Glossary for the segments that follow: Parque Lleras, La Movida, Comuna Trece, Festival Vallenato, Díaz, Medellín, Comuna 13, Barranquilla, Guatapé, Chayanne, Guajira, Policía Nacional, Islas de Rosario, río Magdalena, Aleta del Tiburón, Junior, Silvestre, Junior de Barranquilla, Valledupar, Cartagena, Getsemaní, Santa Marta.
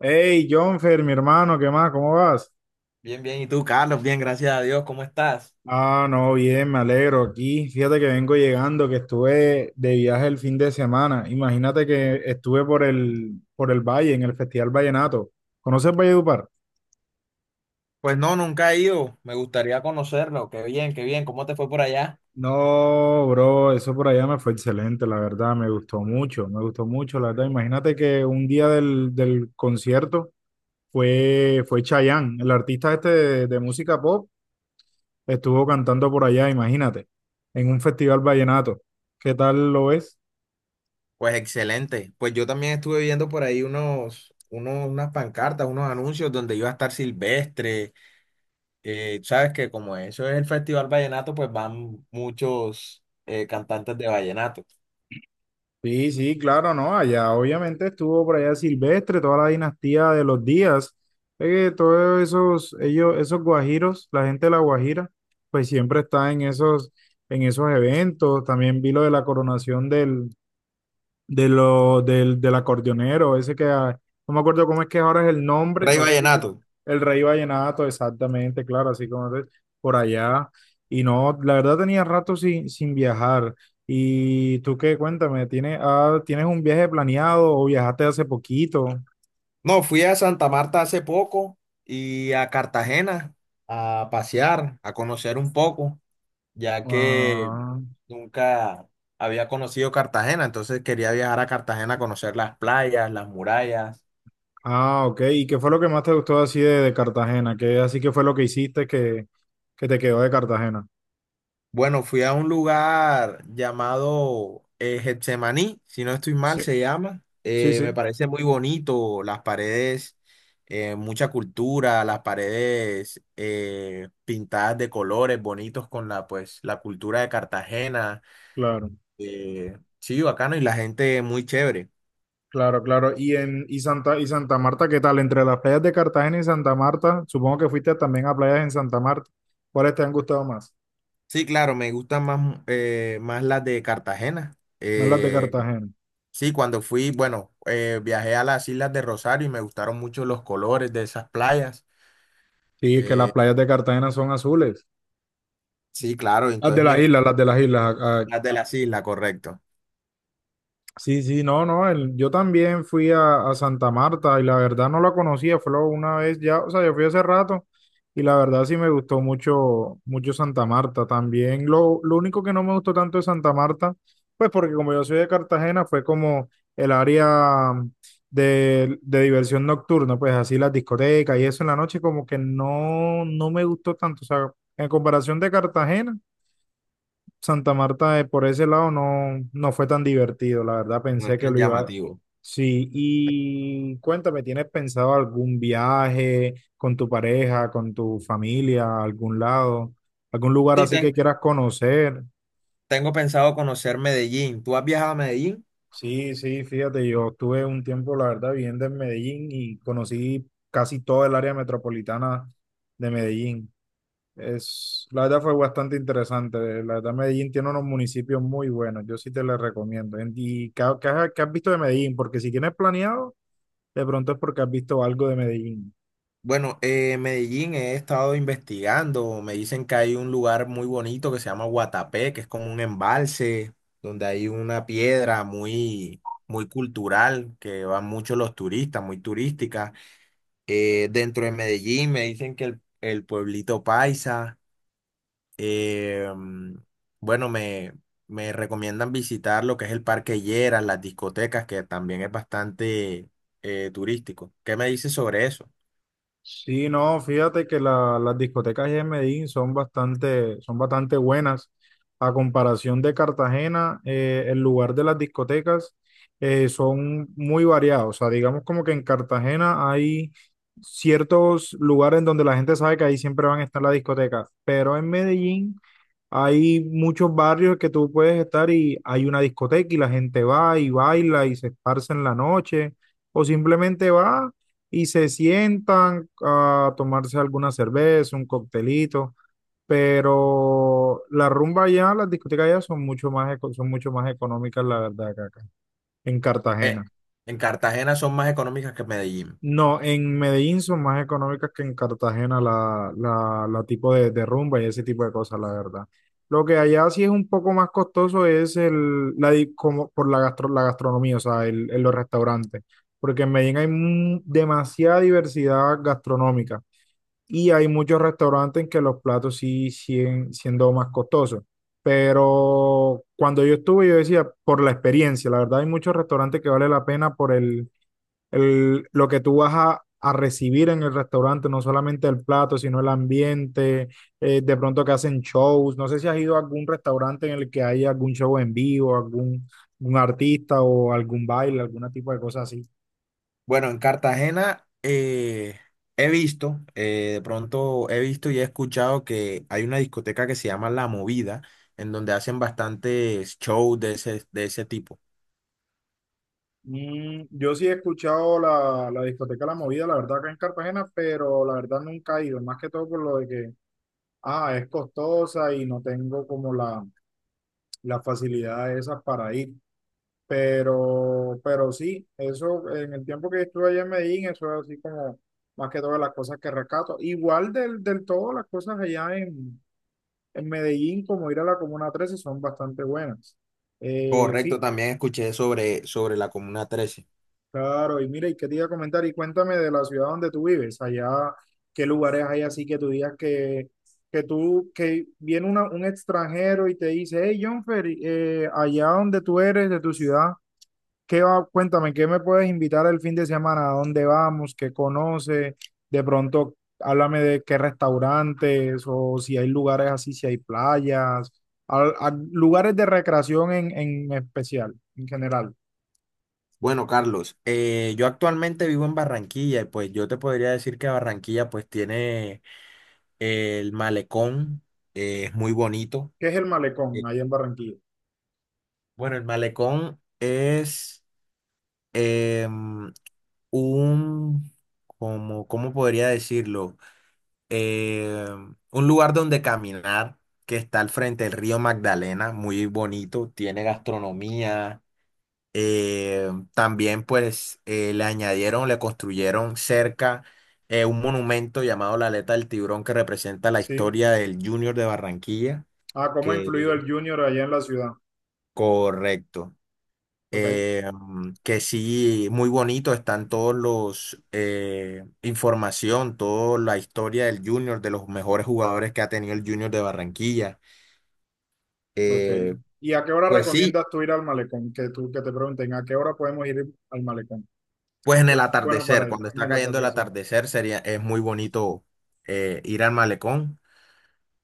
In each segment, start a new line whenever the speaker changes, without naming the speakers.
Hey, Jonfer, mi hermano, ¿qué más? ¿Cómo vas?
Bien, bien. ¿Y tú, Carlos? Bien, gracias a Dios. ¿Cómo estás?
Ah, no, bien, me alegro aquí. Fíjate que vengo llegando, que estuve de viaje el fin de semana. Imagínate que estuve por el Valle, en el Festival Vallenato. ¿Conoces Valledupar?
Pues no, nunca he ido. Me gustaría conocerlo. Qué bien, qué bien. ¿Cómo te fue por allá?
No, bro, eso por allá me fue excelente, la verdad, me gustó mucho, la verdad. Imagínate que un día del concierto fue Chayanne, el artista este de música pop. Estuvo cantando por allá, imagínate, en un festival vallenato. ¿Qué tal lo ves?
Pues excelente. Pues yo también estuve viendo por ahí unas pancartas, unos anuncios donde iba a estar Silvestre. Sabes que como eso es el Festival Vallenato, pues van muchos cantantes de vallenato.
Sí, sí, claro, no, allá obviamente estuvo por allá Silvestre, toda la dinastía de los Díaz, todos esos, ellos, esos guajiros, la gente de la Guajira, pues siempre está en esos eventos. También vi lo de la coronación del, de lo, del acordeonero, ese que, no me acuerdo cómo es que ahora es el nombre,
Rey
no sé si tú-
Vallenato.
el Rey Vallenato, exactamente, claro, así como es por allá. Y no, la verdad tenía rato sin viajar. ¿Y tú qué? Cuéntame, ¿tienes un viaje planeado o viajaste hace poquito?
No, fui a Santa Marta hace poco y a Cartagena a pasear, a conocer un poco, ya que
Ah,
nunca había conocido Cartagena, entonces quería viajar a Cartagena a conocer las playas, las murallas.
ah, ok. ¿Y qué fue lo que más te gustó así de Cartagena? ¿Qué así que fue lo que hiciste que te quedó de Cartagena?
Bueno, fui a un lugar llamado Getsemaní, si no estoy mal,
Sí,
se llama.
sí, sí,
Me parece muy bonito, las paredes, mucha cultura, las paredes pintadas de colores bonitos con pues, la cultura de Cartagena.
claro.
Sí, bacano, y la gente muy chévere.
Claro, claro. Y Santa y Santa Marta, ¿qué tal? Entre las playas de Cartagena y Santa Marta, supongo que fuiste también a playas en Santa Marta. ¿Cuáles te han gustado más?
Sí, claro, me gustan más, más las de Cartagena.
No, las de Cartagena.
Sí, cuando fui, bueno, viajé a las Islas de Rosario y me gustaron mucho los colores de esas playas.
Sí, que las
Eh,
playas de Cartagena son azules.
sí, claro,
Las de
entonces me
las islas,
encantan
las de las islas.
las de las islas, correcto.
Sí, sí, no, no, el- yo también fui a Santa Marta y la verdad no la conocía, fue lo- una vez ya, o sea, yo fui hace rato y la verdad sí me gustó mucho, mucho Santa Marta. También lo único que no me gustó tanto de Santa Marta, pues porque como yo soy de Cartagena, fue como el área de diversión nocturna, pues así las discotecas y eso en la noche como que no, no me gustó tanto, o sea, en comparación de Cartagena. Santa Marta por ese lado no, no fue tan divertido, la verdad
No es
pensé que
tan
lo iba.
llamativo.
Sí, y cuéntame, ¿tienes pensado algún viaje con tu pareja, con tu familia, a algún lado, algún lugar
Sí,
así que quieras conocer?
tengo pensado conocer Medellín. ¿Tú has viajado a Medellín?
Sí, sí, fíjate, yo estuve un tiempo, la verdad, viviendo en Medellín y conocí casi toda el área metropolitana de Medellín. Es, la verdad fue bastante interesante. La verdad, Medellín tiene unos municipios muy buenos. Yo sí te les recomiendo. En- ¿Y qué, qué has visto de Medellín? Porque si tienes planeado, de pronto es porque has visto algo de Medellín.
Bueno, Medellín he estado investigando. Me dicen que hay un lugar muy bonito que se llama Guatapé, que es como un embalse donde hay una piedra muy, muy cultural que van muchos los turistas, muy turística. Dentro de Medellín me dicen que el pueblito Paisa. eh, mm, bueno, me recomiendan visitar lo que es el Parque Lleras, las discotecas, que también es bastante turístico. ¿Qué me dices sobre eso?
Sí, no, fíjate que la- las discotecas en Medellín son bastante buenas. A comparación de Cartagena, el lugar de las discotecas son muy variados. O sea, digamos como que en Cartagena hay ciertos lugares en donde la gente sabe que ahí siempre van a estar las discotecas, pero en Medellín hay muchos barrios que tú puedes estar y hay una discoteca y la gente va y baila y se esparce en la noche o simplemente va y se sientan a tomarse alguna cerveza, un coctelito, pero la rumba allá, las discotecas allá son mucho más, eco- son mucho más económicas, la verdad, que acá, en
Eh,
Cartagena.
en Cartagena son más económicas que en Medellín.
No, en Medellín son más económicas que en Cartagena la tipo de rumba y ese tipo de cosas, la verdad. Lo que allá sí es un poco más costoso es di- como por la, gastro- la gastronomía, o sea, el los restaurantes, porque en Medellín hay mu- demasiada diversidad gastronómica y hay muchos restaurantes en que los platos sí siguen siendo más costosos. Pero cuando yo estuve, yo decía, por la experiencia, la verdad hay muchos restaurantes que vale la pena por lo que tú vas a recibir en el restaurante, no solamente el plato, sino el ambiente, de pronto que hacen shows. No sé si has ido a algún restaurante en el que hay algún show en vivo, algún, algún artista o algún baile, algún tipo de cosa así.
Bueno, en Cartagena he visto, de pronto he visto y he escuchado que hay una discoteca que se llama La Movida, en donde hacen bastantes shows de de ese tipo.
Mm, yo sí he escuchado la discoteca La Movida, la verdad, acá en Cartagena, pero la verdad nunca he ido, más que todo por lo de que, es costosa y no tengo como las facilidades esas para ir. Pero sí, eso en el tiempo que estuve allá en Medellín, eso es así como más que todas las cosas que rescato. Igual del todo, las cosas allá en Medellín, como ir a la Comuna 13, son bastante buenas.
Correcto,
Fi-
también escuché sobre la Comuna 13.
claro, y mira, y qué te iba a comentar, y cuéntame de la ciudad donde tú vives, allá, qué lugares hay así que tú digas que tú, que viene una- un extranjero y te dice, hey, Jonfer, allá donde tú eres, de tu ciudad. ¿Qué va? Cuéntame, ¿qué me puedes invitar el fin de semana? ¿A dónde vamos? ¿Qué conoces? De pronto, háblame de qué restaurantes o si hay lugares así, si hay playas, al- a- lugares de recreación en especial, en general.
Bueno, Carlos, yo actualmente vivo en Barranquilla y pues yo te podría decir que Barranquilla pues tiene el malecón, es muy bonito.
¿Qué es el malecón
Eh,
allá en Barranquilla?
Bueno, el malecón es… em, un, ¿cómo podría decirlo? Un lugar donde caminar que está al frente del río Magdalena, muy bonito, tiene gastronomía. También pues le añadieron, le construyeron cerca un monumento llamado la Aleta del Tiburón que representa la
¿Sí?
historia del Junior de Barranquilla,
Ah, ¿cómo ha influido
que
el Junior allá en la ciudad?
correcto.
Ok,
Que sí, muy bonito están todos los información, toda la historia del Junior, de los mejores jugadores que ha tenido el Junior de Barranquilla.
ok.
Eh,
¿Y a qué hora
pues sí,
recomiendas tú ir al malecón? Que tú, que te pregunten, ¿a qué hora podemos ir al malecón?
pues en el
Bueno, para
atardecer,
ir
cuando
en
está
el
cayendo el
atardecer.
atardecer, sería, es muy bonito ir al malecón,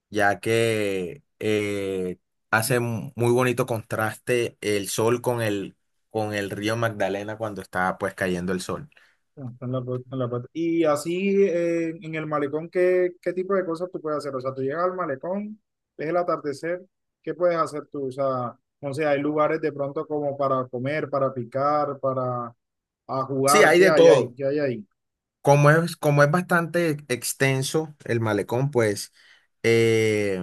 ya que hace muy bonito contraste el sol con con el río Magdalena cuando está pues cayendo el sol.
No, está en la costa, en la costa. Y así en el malecón, ¿qué, qué tipo de cosas tú puedes hacer? O sea, tú llegas al malecón, ves el atardecer, ¿qué puedes hacer tú? O sea, no sé, hay lugares de pronto como para comer, para picar, para a
Sí,
jugar,
hay
¿qué
de
hay ahí?
todo.
¿Qué hay ahí?
Como es bastante extenso el malecón, pues eh,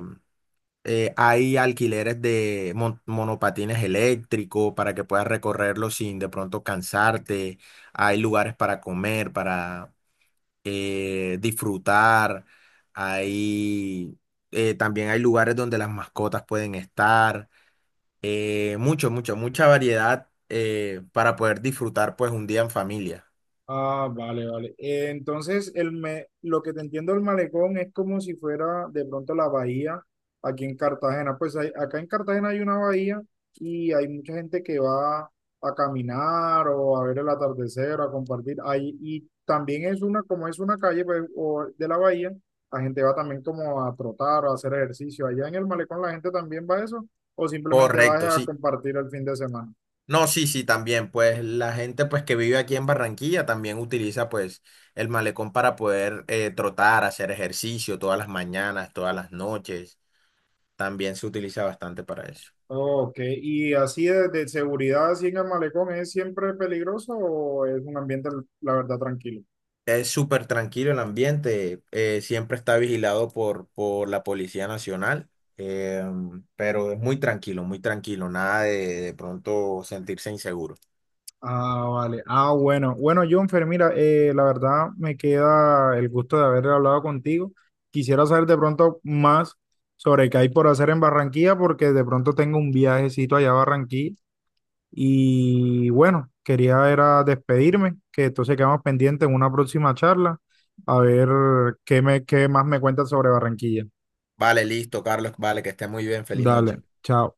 hay alquileres de monopatines eléctricos para que puedas recorrerlo sin de pronto cansarte. Hay lugares para comer, para disfrutar. Hay, También hay lugares donde las mascotas pueden estar. Eh, mucha variedad para poder disfrutar pues un día en familia.
Ah, vale, vale. Entonces, el me- lo que te entiendo del malecón es como si fuera de pronto la bahía aquí en Cartagena. Pues hay- acá en Cartagena hay una bahía y hay mucha gente que va a caminar o a ver el atardecer o a compartir ahí. Y también es una, como es una calle pues, o de la bahía, la gente va también como a trotar o a hacer ejercicio. Allá en el malecón la gente también va a eso o simplemente
Correcto,
va a
sí.
compartir el fin de semana.
No, sí, sí, también, pues la gente pues que vive aquí en Barranquilla también utiliza pues el malecón para poder trotar, hacer ejercicio todas las mañanas, todas las noches, también se utiliza bastante para eso.
Ok, ¿y así de seguridad, así en el malecón, es siempre peligroso o es un ambiente, la verdad, tranquilo?
Es súper tranquilo el ambiente, siempre está vigilado por la Policía Nacional, eh, pero es muy tranquilo, nada de de pronto sentirse inseguro.
Ah, vale. Ah, bueno. Bueno, Jonfer, mira, la verdad me queda el gusto de haber hablado contigo. Quisiera saber de pronto más sobre qué hay por hacer en Barranquilla, porque de pronto tengo un viajecito allá a Barranquilla. Y bueno, quería era despedirme, que entonces quedamos pendientes en una próxima charla, a ver qué, me, qué más me cuentas sobre Barranquilla.
Vale, listo, Carlos, vale, que esté muy bien, feliz
Dale,
noche.
chao.